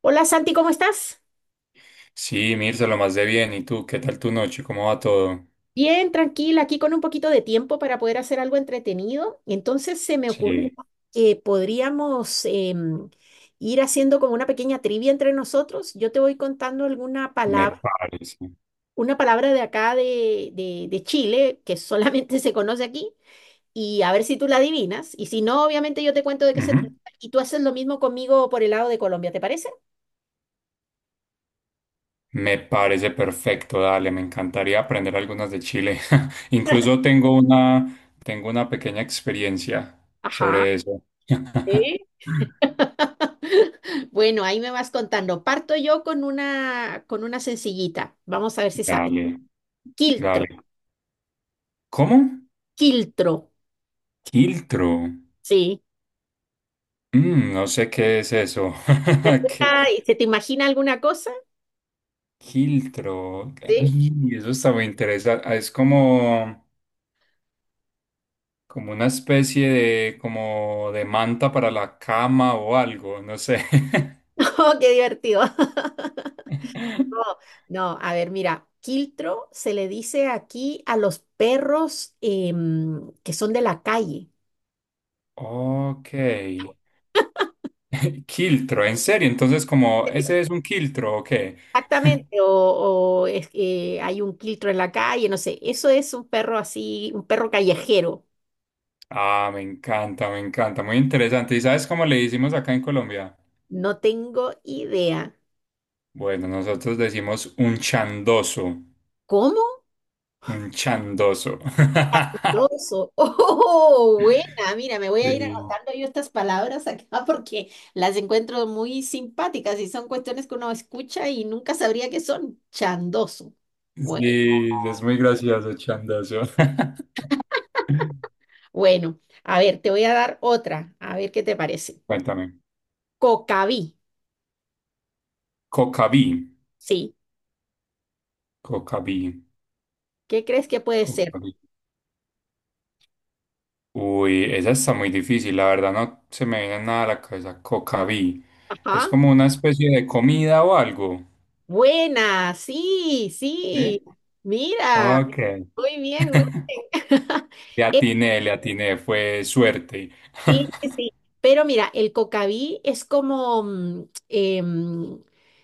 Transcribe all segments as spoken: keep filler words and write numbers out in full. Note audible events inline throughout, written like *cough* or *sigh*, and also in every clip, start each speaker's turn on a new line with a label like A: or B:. A: Hola Santi, ¿cómo estás?
B: Sí, Mirza, lo más de bien. ¿Y tú? ¿Qué tal tu noche? ¿Cómo va todo?
A: Bien, tranquila, aquí con un poquito de tiempo para poder hacer algo entretenido. Entonces se me ocurrió
B: Sí,
A: que podríamos em, ir haciendo como una pequeña trivia entre nosotros. Yo te voy contando alguna
B: me
A: palabra,
B: parece.
A: una palabra de acá de, de- de Chile, que solamente *laughs* se conoce aquí, y a ver si tú la adivinas. Y si no, obviamente yo te cuento de qué se
B: Ujú.
A: trata y tú haces lo mismo conmigo por el lado de Colombia, ¿te parece?
B: Me parece perfecto, dale. Me encantaría aprender algunas de Chile. *laughs* Incluso tengo una, tengo una pequeña experiencia
A: Ajá.
B: sobre eso. *laughs*
A: Sí. *laughs* Bueno, ahí me vas contando. Parto yo con una, con una sencillita. Vamos a ver si sabes.
B: Dale, dale.
A: Quiltro,
B: ¿Cómo?
A: quiltro,
B: Quiltro.
A: sí.
B: Mm, no sé qué es eso.
A: ¿Y
B: *laughs* ¿Qué?
A: alguna- y se te imagina alguna cosa?
B: Quiltro.
A: Sí.
B: Ay, eso está muy interesante. Ah, Es como... Como una especie de, como de manta para la cama o algo, no sé.
A: *laughs* Oh, qué divertido. *laughs* No,
B: *laughs*
A: no, a ver, mira, quiltro se le dice aquí a los perros em, que son de la calle.
B: Ok. *laughs* ¿Quiltro, en serio, entonces como ese es un quiltro o qué?
A: Exactamente, o, o es que hay un quiltro en la calle, no sé. Eso es un perro así, un perro callejero.
B: Ah, me encanta, me encanta, muy interesante. ¿Y sabes cómo le decimos acá en Colombia?
A: No tengo idea.
B: Bueno, nosotros decimos un chandoso,
A: ¿Cómo?
B: un chandoso. *laughs*
A: Doso. *laughs* Oh, buena. Mira, me voy a ir
B: Sí,
A: anotando yo estas palabras acá *laughs* porque las encuentro muy simpáticas y son cuestiones que uno escucha y nunca sabría qué son. Chandoso. Bueno,
B: sí, es muy gracioso, chandoso. *laughs*
A: bueno. A ver, te voy a dar otra. A ver qué te parece.
B: Cuéntame.
A: Cocaví.
B: Cocaví.
A: Sí.
B: Cocaví,
A: ¿Qué crees que puede ser?
B: Cocaví. Uy, esa está muy difícil, la verdad no se me viene nada a la cabeza. Cocaví. Es
A: Ajá.
B: como una especie de comida o algo.
A: Buena. Sí, sí.
B: ¿Sí?
A: Mira.
B: Ok.
A: Muy bien, muy bien. *laughs*
B: Le
A: Es
B: atiné, le atiné, fue suerte.
A: sí, sí, sí.
B: *laughs*
A: Pero mira, el cocaví es como, mm, em,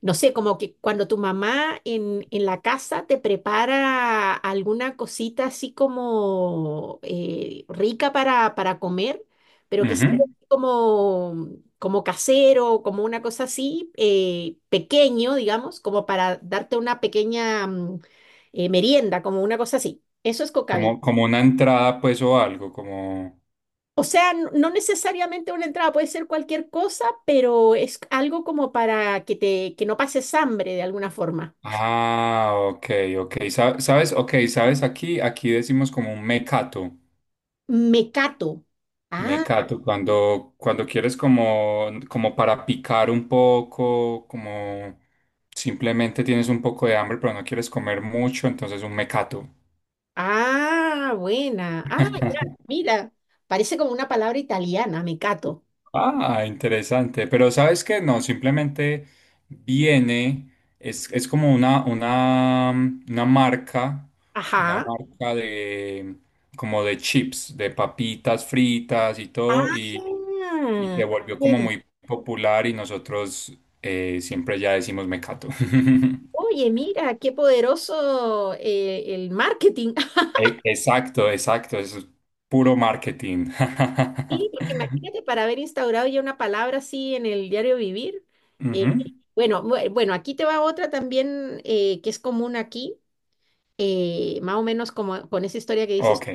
A: no sé, como que cuando tu mamá en, en la casa te prepara alguna cosita así como eh, rica para, para comer, pero que es
B: Ujú.
A: como, como casero, como una cosa así, eh, pequeño, digamos, como para darte una pequeña mm, eh, merienda, como una cosa así. Eso es cocaví.
B: Como, como una entrada, pues, o algo, como.
A: O sea, n- no necesariamente una entrada, puede ser cualquier cosa, pero es algo como para que te, que no pases hambre de alguna forma.
B: Ah, ok, ok. Sa- ¿Sabes? Ok, ¿sabes? Aquí, aquí decimos como un mecato.
A: Mecato. Ah,
B: Mecato, cuando, cuando quieres como, como para picar un poco, como simplemente tienes un poco de hambre, pero no quieres comer mucho, entonces un mecato.
A: ah, buena. Ah, ya,
B: *laughs*
A: mira, parece como una palabra italiana, mecato.
B: Ah, interesante. Pero ¿sabes qué? No, simplemente viene, es, es como una, una, mm, una marca, una
A: Ajá.
B: marca de, como de chips, de papitas fritas y todo,
A: Ah,
B: y, y se volvió como
A: oye,
B: muy popular y nosotros eh, siempre ya decimos mecato. *laughs*
A: oye, mira, qué poderoso eh, el marketing.
B: E- Exacto, exacto, eso es puro marketing. *laughs*
A: Sí, porque imagínate para haber instaurado ya una palabra así en el diario vivir. eh,
B: Ujú,
A: bueno, bue- bueno, aquí te va otra también eh, que es común aquí, eh, más o menos como con esa historia que dices,
B: ok.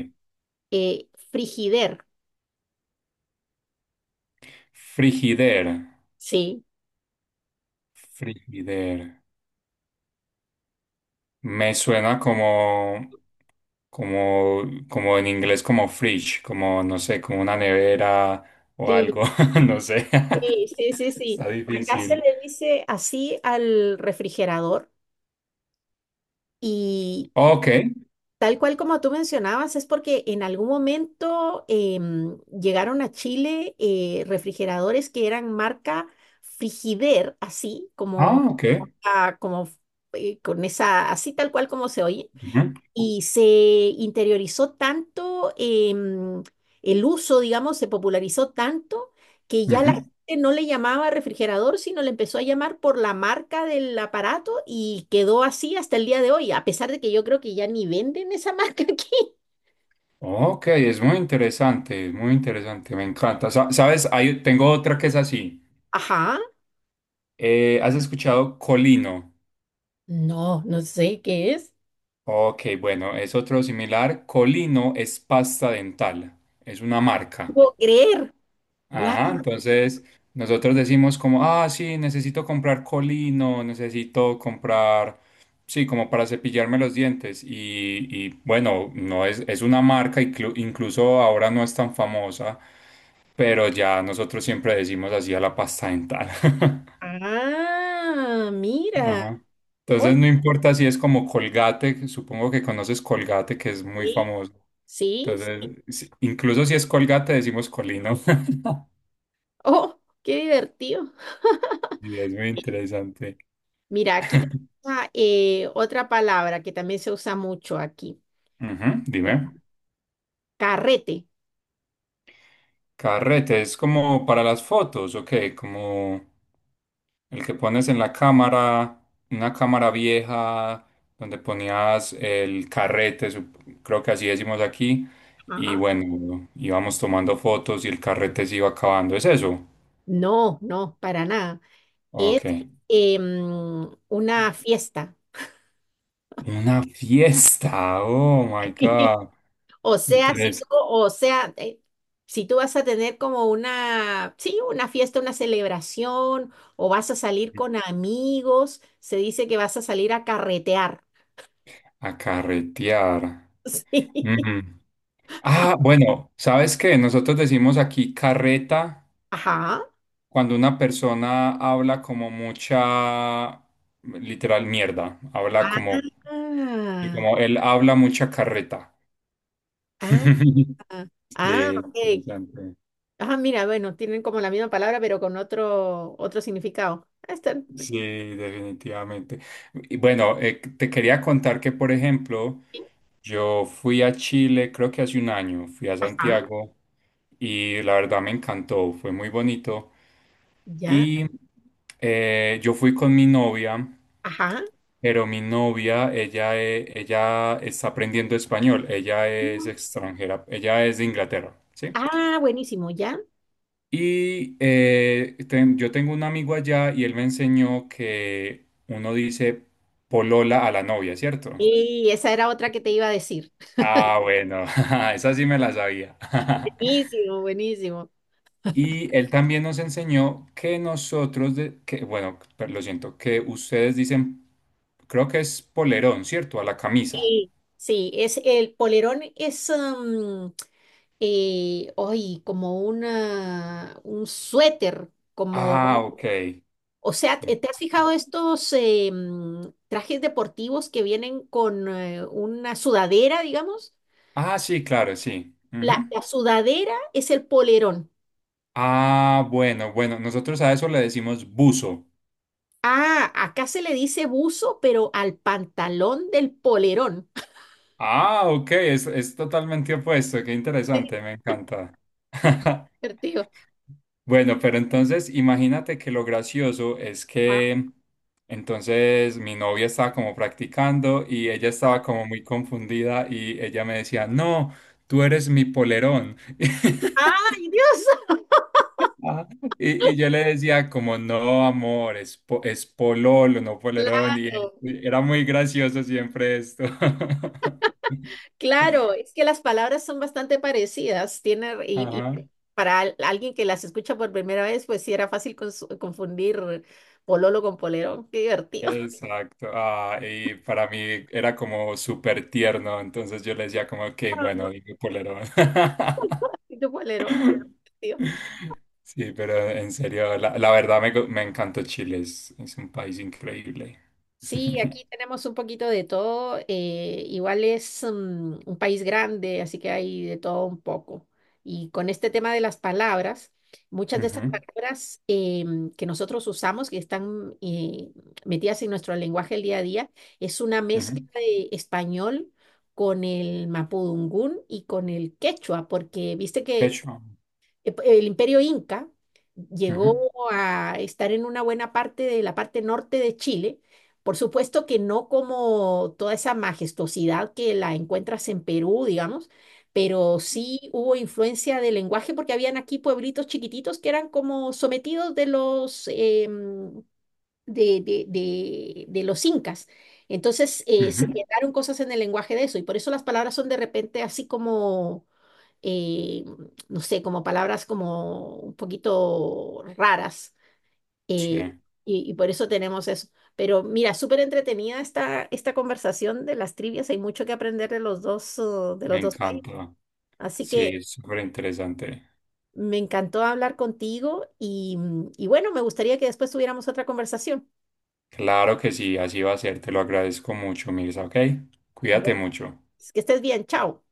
A: eh, frigider.
B: Frigider,
A: Sí,
B: frigider. Me suena como, como, como en inglés como fridge, como no sé, como una nevera o algo,
A: sí,
B: *laughs* no sé.
A: sí, sí, sí,
B: *laughs*
A: sí.
B: Está
A: Acá se
B: difícil.
A: le dice así al refrigerador y
B: Ok.
A: tal cual como tú mencionabas, es porque en algún momento em, llegaron a Chile eh, refrigeradores que eran marca Frigider, así como,
B: Ah, ok.
A: ah, como eh, con esa, así tal cual como se oye,
B: Ujú,
A: y se interiorizó tanto em, el uso, digamos, se popularizó tanto que ya la
B: ujú.
A: gente no le llamaba refrigerador, sino le empezó a llamar por la marca del aparato y quedó así hasta el día de hoy, a pesar de que yo creo que ya ni venden esa marca *laughs* aquí.
B: Ok, es muy interesante, es muy interesante, me encanta. Sa- ¿Sabes? Hay- tengo otra que es así.
A: Ajá,
B: Eh, ¿has escuchado colino?
A: no, no sé qué es.
B: Ok, bueno, es otro similar. Colino es pasta dental, es una
A: No
B: marca.
A: puedo creer. Guau.
B: Ajá, entonces nosotros decimos como, ah, sí, necesito comprar colino, necesito comprar, sí, como para cepillarme los dientes. Y, y bueno, no es, es una marca, inclu- incluso ahora no es tan famosa, pero ya nosotros siempre decimos así a la pasta dental. *laughs*
A: Ah, mira.
B: Ajá.
A: Oye,
B: Entonces no importa si es como Colgate, que supongo que conoces Colgate, que es muy
A: sí,
B: famoso.
A: sí. Sí.
B: Entonces, si- incluso si es Colgate, decimos colino. *laughs*
A: Oh, qué divertido.
B: Y es muy interesante.
A: Mira, aquí tengo eh, otra palabra que también se usa mucho aquí.
B: Ujú,
A: eh,
B: dime.
A: Carrete.
B: Carrete, ¿es como para las fotos o como el que pones en la cámara, una cámara vieja donde ponías el carrete, sup- creo que así decimos aquí, y
A: Ajá.
B: bueno, íbamos tomando fotos y el carrete se iba acabando? ¿Es eso?
A: No, no, para nada. Es
B: Ok.
A: eh, mm, una fiesta.
B: Una fiesta, oh my
A: *laughs*
B: God.
A: O sea, si tú,
B: Interesante.
A: o sea, eh, si tú vas a tener como una, sí, una fiesta, una celebración, o vas a salir con amigos, se dice que vas a salir a carretear.
B: A carretear.
A: *laughs* Sí.
B: Mm. Ah, bueno, ¿sabes qué? Nosotros decimos aquí carreta
A: Ajá.
B: cuando una persona habla como mucha, literal, mierda, habla como, y
A: Ah,
B: como él habla mucha carreta.
A: ah,
B: *laughs*
A: ah,
B: Sí,
A: ok.
B: interesante.
A: Ah, mira, bueno, tienen como la misma palabra, pero con otro, otro significado. Ah, está.
B: Sí, definitivamente. Y bueno, eh, te quería contar que, por ejemplo, yo fui a Chile, creo que hace un año, fui a
A: Ajá,
B: Santiago y la verdad me encantó, fue muy bonito.
A: ya,
B: Y eh, yo fui con mi novia.
A: ajá.
B: Pero mi novia, ella, eh, ella está aprendiendo español, ella es extranjera, ella es de Inglaterra, ¿sí?
A: Ah, buenísimo, ya.
B: Y eh, ten- yo tengo un amigo allá y él me enseñó que uno dice polola a la novia, ¿cierto?
A: Y esa era otra que te iba a decir.
B: Ah, bueno, *laughs* esa sí me la sabía. *laughs*
A: Buenísimo, buenísimo.
B: Y él también nos enseñó que nosotros, de- que, bueno, per- lo siento, que ustedes dicen, creo que es polerón, ¿cierto? A la camisa.
A: Y sí, es el polerón es um, eh, hoy como una un suéter,
B: Ah,
A: como,
B: ok.
A: o sea, ¿te te has fijado estos eh, mm, trajes deportivos que vienen con eh, una sudadera, digamos?
B: Ah, sí, claro, sí.
A: La,
B: Ujú.
A: la sudadera es el polerón.
B: Ah, bueno, bueno, nosotros a eso le decimos buzo.
A: Ah, acá se le dice buzo, pero al pantalón del polerón.
B: Ah, ok, es, es totalmente opuesto, qué
A: *laughs* Qué
B: interesante, me encanta. *laughs*
A: divertido.
B: Bueno, pero entonces imagínate que lo gracioso es
A: Ah,
B: que entonces mi novia estaba como practicando y ella estaba como muy confundida y ella me decía, no, tú eres mi polerón. *laughs*
A: ¡ay, Dios!
B: Ajá. Y, y yo le decía como, no, amor, es, po- es pololo, no polerón. Y él-
A: Claro,
B: era muy gracioso siempre esto. *laughs*
A: claro, es que las palabras son bastante parecidas. Tiene, y, y
B: Ajá.
A: para al- alguien que las escucha por primera vez, pues sí era fácil cons- confundir pololo con polerón. Qué divertido. *laughs*
B: Exacto. Ah, y para mí era como súper tierno. Entonces yo le decía como, ok,
A: Ah, no,
B: bueno, dime polerón. *laughs*
A: qué polerón, qué divertido.
B: Sí, pero en serio, la, la verdad me, gu- me encantó Chile. Es, es un país increíble.
A: Sí, aquí
B: *laughs*
A: tenemos un poquito de todo. Eh, igual es mm, un país grande, así que hay de todo un poco. Y con este tema de las palabras, muchas de estas
B: Ujú,
A: palabras em, que nosotros usamos, que están eh, metidas en nuestro lenguaje el día a día, es una mezcla
B: ujú.
A: de español con el mapudungún y con el quechua, porque viste
B: De
A: que
B: hecho,
A: eh, p- el imperio inca llegó
B: ujú,
A: a estar en una buena parte de la parte norte de Chile. Por supuesto que no como toda esa majestuosidad que la encuentras en Perú, digamos, pero sí hubo influencia del lenguaje porque habían aquí pueblitos chiquititos que eran como sometidos de los, em, de, de- de- de los incas. Entonces eh, se
B: ujú.
A: quedaron cosas en el lenguaje de eso y por eso las palabras son de repente así como eh, no sé, como palabras como un poquito raras.
B: Sí,
A: eh, y, y por eso tenemos eso. Pero mira, súper entretenida esta, esta conversación de las trivias. Hay mucho que aprender de los dos, uh, de los
B: me
A: dos países.
B: encanta.
A: Así
B: Sí,
A: que
B: es súper interesante.
A: me encantó hablar contigo y, mm, y bueno, me gustaría que después tuviéramos otra conversación.
B: Claro que sí, así va a ser. Te lo agradezco mucho, Mirza, ¿ok?
A: Bueno.
B: Cuídate mucho.
A: Que estés bien, chao.